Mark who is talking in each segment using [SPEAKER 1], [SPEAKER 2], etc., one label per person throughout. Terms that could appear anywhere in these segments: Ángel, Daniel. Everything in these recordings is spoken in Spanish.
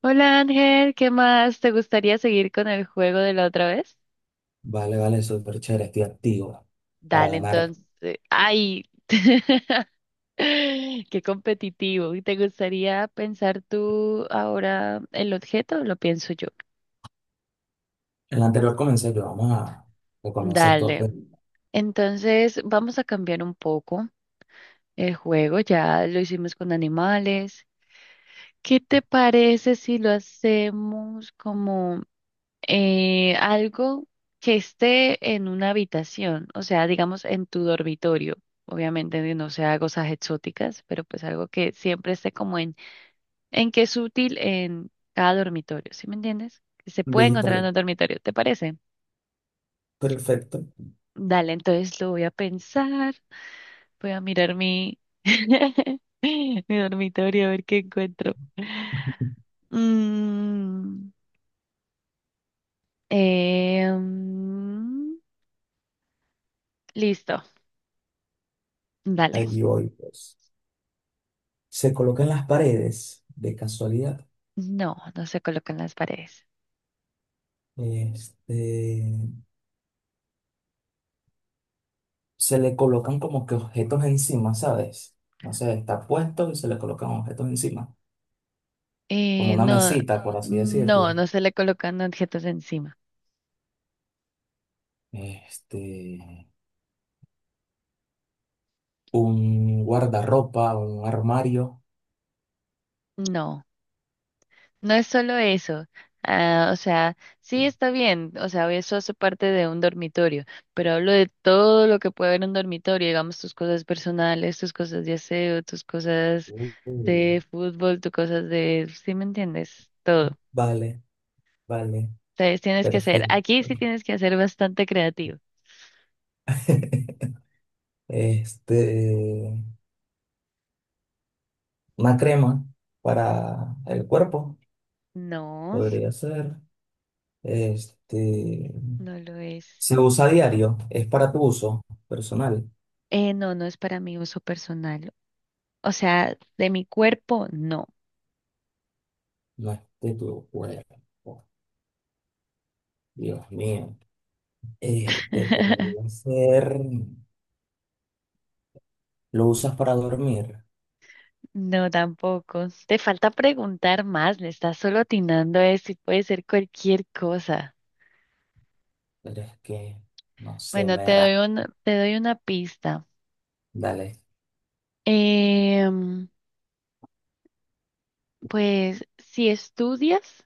[SPEAKER 1] Hola Ángel, ¿qué más? ¿Te gustaría seguir con el juego de la otra vez?
[SPEAKER 2] Vale, vale, súper chévere, estoy activo para
[SPEAKER 1] Dale,
[SPEAKER 2] ganar.
[SPEAKER 1] entonces. ¡Ay! ¡Qué competitivo! ¿Te gustaría pensar tú ahora el objeto o lo pienso yo?
[SPEAKER 2] En la anterior comencé yo, vamos a comenzar esto,
[SPEAKER 1] Dale.
[SPEAKER 2] pues.
[SPEAKER 1] Entonces, vamos a cambiar un poco el juego. Ya lo hicimos con animales. ¿Qué te parece si lo hacemos como... algo que esté en una habitación, o sea, digamos en tu dormitorio. Obviamente no sea cosas exóticas, pero pues algo que siempre esté como en que es útil en cada dormitorio, ¿sí me entiendes? Que se puede
[SPEAKER 2] Listo,
[SPEAKER 1] encontrar en
[SPEAKER 2] listo,
[SPEAKER 1] un dormitorio, ¿te parece?
[SPEAKER 2] perfecto.
[SPEAKER 1] Dale, entonces lo voy a pensar, voy a mirar mi dormitorio a ver qué encuentro. Mm, em, listo, dale.
[SPEAKER 2] Allí voy, pues. Se colocan las paredes, de casualidad.
[SPEAKER 1] No, no se colocan las paredes.
[SPEAKER 2] Este, Se le colocan como que objetos encima, ¿sabes? No sé, está puesto y se le colocan objetos encima. Como
[SPEAKER 1] Eh,
[SPEAKER 2] una
[SPEAKER 1] no,
[SPEAKER 2] mesita, por así
[SPEAKER 1] no,
[SPEAKER 2] decirlo.
[SPEAKER 1] no se le colocan objetos encima.
[SPEAKER 2] Este, un guardarropa, un armario.
[SPEAKER 1] No, no es solo eso. Ah, o sea, sí está bien, o sea, eso hace parte de un dormitorio, pero hablo de todo lo que puede haber en un dormitorio, digamos tus cosas personales, tus cosas de aseo, tus cosas
[SPEAKER 2] Uh,
[SPEAKER 1] de fútbol, tus cosas de, ¿sí me entiendes? Todo.
[SPEAKER 2] vale, vale.
[SPEAKER 1] Entonces tienes que ser,
[SPEAKER 2] Perfecto.
[SPEAKER 1] aquí sí tienes que ser bastante creativo.
[SPEAKER 2] Este, una crema para el cuerpo,
[SPEAKER 1] No,
[SPEAKER 2] podría ser. Este,
[SPEAKER 1] no lo es.
[SPEAKER 2] se usa a diario, es para tu uso personal,
[SPEAKER 1] No, no es para mi uso personal. O sea, de mi cuerpo, no.
[SPEAKER 2] no es de tu cuerpo. Dios mío. Este, podría ser. Lo usas para dormir,
[SPEAKER 1] No, tampoco. Te falta preguntar más, le estás solo atinando a eso y puede ser cualquier cosa.
[SPEAKER 2] pero es no sé,
[SPEAKER 1] Bueno,
[SPEAKER 2] me ra.
[SPEAKER 1] te doy una pista.
[SPEAKER 2] Dale.
[SPEAKER 1] Em, pues si estudias,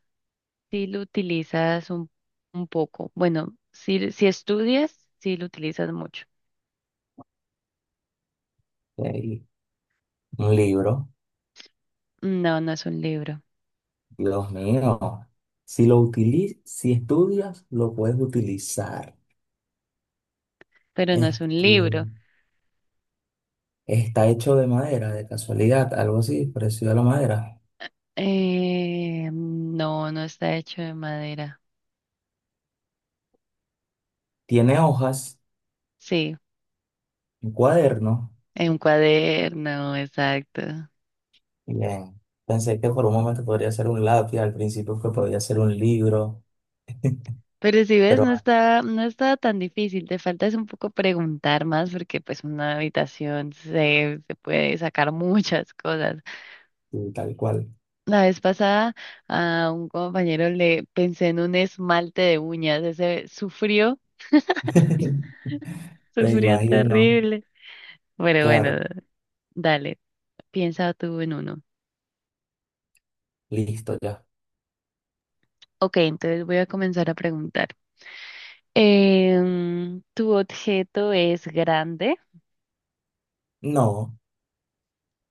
[SPEAKER 1] sí lo utilizas un poco. Bueno, si estudias, sí lo utilizas mucho.
[SPEAKER 2] Ahí. Un libro,
[SPEAKER 1] No, no es un libro,
[SPEAKER 2] Dios mío. Si lo utilizas, si estudias, lo puedes utilizar.
[SPEAKER 1] pero no es un
[SPEAKER 2] Este,
[SPEAKER 1] libro.
[SPEAKER 2] está hecho de madera, de casualidad, algo así, parecido a la madera.
[SPEAKER 1] No, no está hecho de madera.
[SPEAKER 2] Tiene hojas,
[SPEAKER 1] Sí,
[SPEAKER 2] un cuaderno.
[SPEAKER 1] en un cuaderno, exacto.
[SPEAKER 2] Bien, pensé que por un momento podría ser un lápiz, al principio que podría ser un libro,
[SPEAKER 1] Pero si ves,
[SPEAKER 2] pero
[SPEAKER 1] no está tan difícil. Te falta es un poco preguntar más porque pues una habitación se puede sacar muchas cosas.
[SPEAKER 2] así, tal cual.
[SPEAKER 1] La vez pasada a un compañero le pensé en un esmalte de uñas. Ese sufrió,
[SPEAKER 2] Me
[SPEAKER 1] sufrió
[SPEAKER 2] imagino.
[SPEAKER 1] terrible. Pero bueno,
[SPEAKER 2] Claro,
[SPEAKER 1] dale, piensa tú en uno.
[SPEAKER 2] listo ya.
[SPEAKER 1] Ok, entonces voy a comenzar a preguntar. Tu objeto es grande,
[SPEAKER 2] No,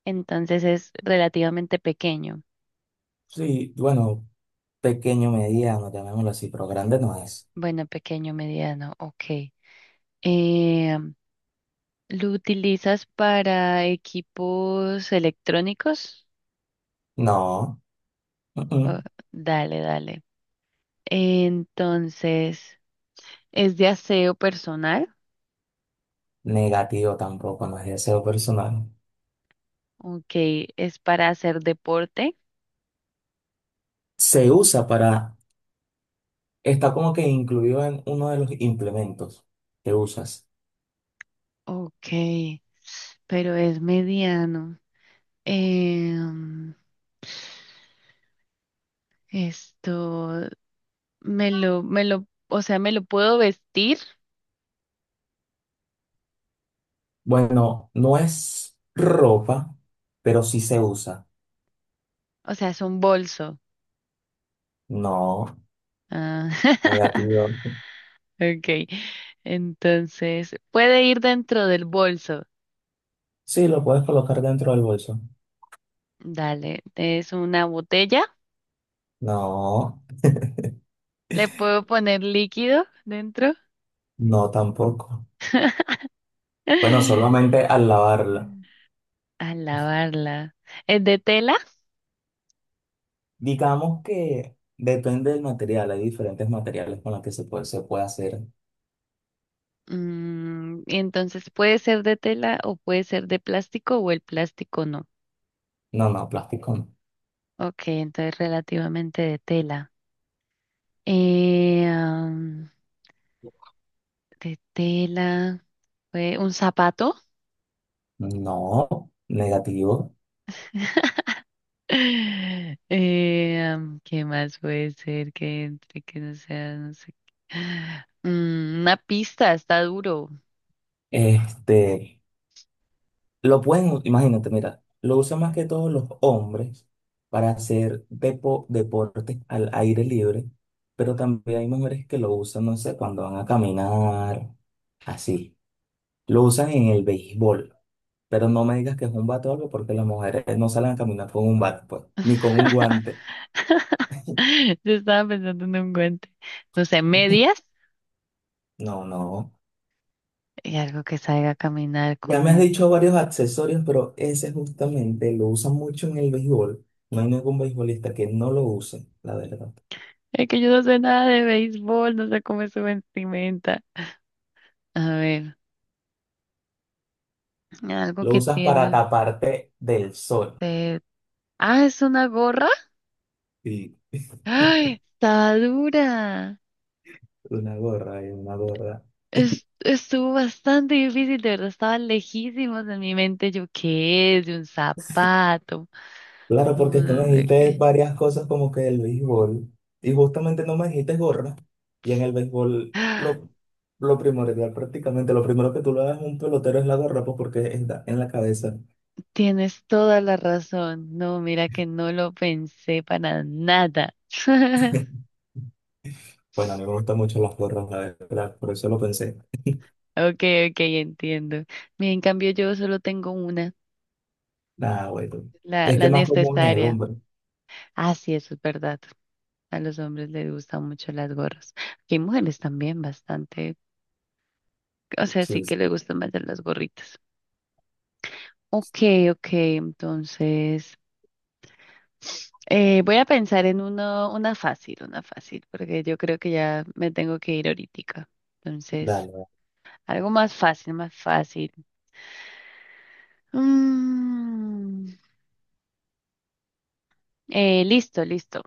[SPEAKER 1] entonces es relativamente pequeño.
[SPEAKER 2] sí, bueno, pequeño, mediano, llamémoslo así, pero grande no es.
[SPEAKER 1] Bueno, pequeño, mediano, ok. Em, ¿Lo utilizas para equipos electrónicos?
[SPEAKER 2] No, mm,
[SPEAKER 1] Oh,
[SPEAKER 2] mm.
[SPEAKER 1] dale, dale. Entonces, ¿es de aseo personal?
[SPEAKER 2] Negativo tampoco, no es deseo personal.
[SPEAKER 1] Ok. ¿Es para hacer deporte?
[SPEAKER 2] Se usa para, está como que incluido en uno de los implementos que usas.
[SPEAKER 1] Ok. Pero es mediano. Em, esto. Me lo, o sea, me lo puedo vestir,
[SPEAKER 2] Bueno, no es ropa, pero sí se usa.
[SPEAKER 1] o sea, es un bolso.
[SPEAKER 2] No,
[SPEAKER 1] Ah,
[SPEAKER 2] negativo.
[SPEAKER 1] ok. Entonces, puede ir dentro del bolso.
[SPEAKER 2] Sí, lo puedes colocar dentro del bolso.
[SPEAKER 1] Dale, es una botella.
[SPEAKER 2] No,
[SPEAKER 1] Le puedo poner líquido dentro.
[SPEAKER 2] no tampoco. Bueno, solamente al lavarla.
[SPEAKER 1] A lavarla. ¿Es de tela?
[SPEAKER 2] Digamos que depende del material. Hay diferentes materiales con los que se puede hacer.
[SPEAKER 1] Mm, entonces puede ser de tela o puede ser de plástico o el plástico no.
[SPEAKER 2] No, no, plástico no.
[SPEAKER 1] Ok, entonces relativamente de tela. Eh, de tela, fue un zapato.
[SPEAKER 2] No, negativo.
[SPEAKER 1] ¿Qué más puede ser que entre, que no sea, no sé? ¿qué? Mm, una pista, está duro.
[SPEAKER 2] Este. Imagínate, mira, lo usan más que todos los hombres para hacer deportes al aire libre, pero también hay mujeres que lo usan, no sé, cuando van a caminar, así. Lo usan en el béisbol, pero no me digas que es un bate o algo porque las mujeres no salen a caminar con un bate, pues, ni con un guante.
[SPEAKER 1] Yo estaba pensando en un guante. No sé, medias
[SPEAKER 2] No, no.
[SPEAKER 1] y algo que salga a caminar
[SPEAKER 2] Ya
[SPEAKER 1] con
[SPEAKER 2] me has
[SPEAKER 1] eso.
[SPEAKER 2] dicho varios accesorios, pero ese justamente lo usan mucho en el béisbol. No hay ningún beisbolista que no lo use, la verdad.
[SPEAKER 1] Es que yo no sé nada de béisbol, no sé cómo es su vestimenta. A ver, algo
[SPEAKER 2] Lo
[SPEAKER 1] que
[SPEAKER 2] usas para
[SPEAKER 1] tiene.
[SPEAKER 2] taparte del sol.
[SPEAKER 1] de- Ah, es una gorra.
[SPEAKER 2] Sí,
[SPEAKER 1] ¡Ay! Está dura.
[SPEAKER 2] una gorra y una gorra.
[SPEAKER 1] Estuvo bastante difícil, de verdad, estaba lejísimos en mi mente. Yo, ¿qué es? De un zapato.
[SPEAKER 2] Claro, porque es
[SPEAKER 1] Un
[SPEAKER 2] que me
[SPEAKER 1] no sé
[SPEAKER 2] dijiste
[SPEAKER 1] qué.
[SPEAKER 2] varias cosas como que el béisbol. Y justamente no me dijiste gorra. Y en el béisbol
[SPEAKER 1] ¡Ah!
[SPEAKER 2] lo, lo primordial prácticamente, lo primero que tú le das a un pelotero es la gorra, pues porque está en la cabeza.
[SPEAKER 1] Tienes toda la razón. No, mira que no lo pensé para nada.
[SPEAKER 2] Bueno, a mí me gustan mucho las gorras, la verdad. Por eso lo pensé.
[SPEAKER 1] Ok, ok, entiendo. Mira, en cambio yo solo tengo una,
[SPEAKER 2] Nada, bueno. Es que
[SPEAKER 1] la
[SPEAKER 2] es más común en el
[SPEAKER 1] necesaria.
[SPEAKER 2] hombre.
[SPEAKER 1] Ah, sí, eso es verdad. A los hombres les gustan mucho las gorras. Que hay mujeres también bastante, o sea, sí
[SPEAKER 2] Sí, sí.
[SPEAKER 1] que les gustan más de las gorritas.
[SPEAKER 2] Sí.
[SPEAKER 1] Ok, ok, entonces voy a pensar en uno, una fácil, porque yo creo que ya me tengo que ir ahorita. Entonces,
[SPEAKER 2] Dale. Dale.
[SPEAKER 1] algo más fácil, más fácil. Mm, listo, listo.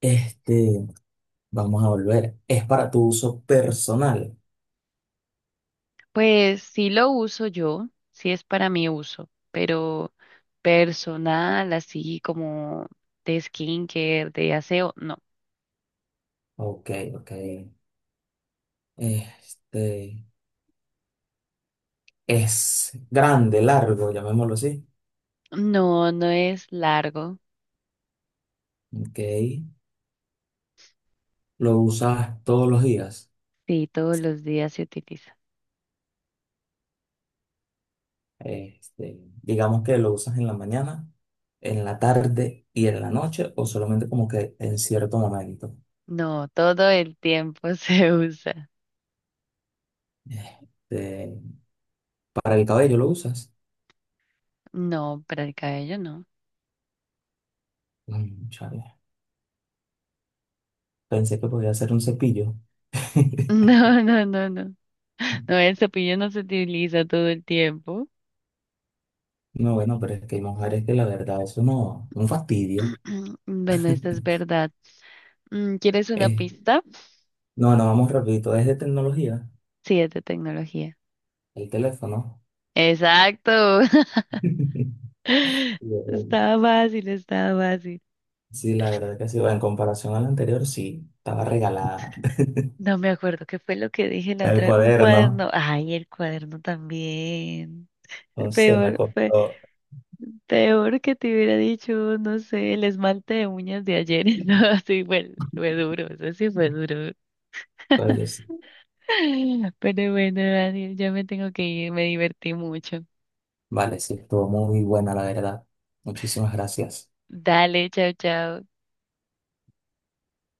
[SPEAKER 2] Este, vamos a volver. Es para tu uso personal.
[SPEAKER 1] Pues sí lo uso yo, sí es para mi uso, pero personal, así como de skincare, de aseo, no.
[SPEAKER 2] Ok, ok. Este es grande, largo, llamémoslo así.
[SPEAKER 1] No, no es largo.
[SPEAKER 2] Ok. Lo usas todos los días.
[SPEAKER 1] Sí, todos los días se utiliza.
[SPEAKER 2] Digamos que lo usas en la mañana, en la tarde y en la noche, o solamente como que en cierto momento.
[SPEAKER 1] No, todo el tiempo se usa.
[SPEAKER 2] Este, para el cabello lo usas.
[SPEAKER 1] No, para el cabello no.
[SPEAKER 2] Mm, chale. Pensé que podía ser un cepillo.
[SPEAKER 1] No, no, no, no. No, el cepillo no se utiliza todo el tiempo.
[SPEAKER 2] No, bueno, pero es que hay mujeres que la verdad eso no, un fastidio.
[SPEAKER 1] Bueno, esta es verdad. Mm, ¿quieres una
[SPEAKER 2] Eh,
[SPEAKER 1] pista?
[SPEAKER 2] no, no, vamos rapidito. Es de tecnología.
[SPEAKER 1] Sí, es de tecnología.
[SPEAKER 2] El teléfono.
[SPEAKER 1] Exacto.
[SPEAKER 2] Yo,
[SPEAKER 1] Estaba fácil, estaba fácil.
[SPEAKER 2] sí, la verdad que sí. Bueno En comparación al anterior, sí, estaba regalada.
[SPEAKER 1] No me acuerdo qué fue lo que dije la
[SPEAKER 2] El
[SPEAKER 1] otra. Un
[SPEAKER 2] cuaderno.
[SPEAKER 1] cuaderno. Ay, el cuaderno también.
[SPEAKER 2] Entonces me
[SPEAKER 1] Peor,
[SPEAKER 2] costó.
[SPEAKER 1] peor que te hubiera dicho, no sé, el esmalte de uñas de ayer. No, sí, fue duro, eso sí fue duro.
[SPEAKER 2] Oye, sí.
[SPEAKER 1] Pero bueno, Daniel, ya me tengo que ir, me divertí mucho.
[SPEAKER 2] Vale, sí, estuvo muy buena, la verdad. Muchísimas gracias.
[SPEAKER 1] Dale, chao, chao.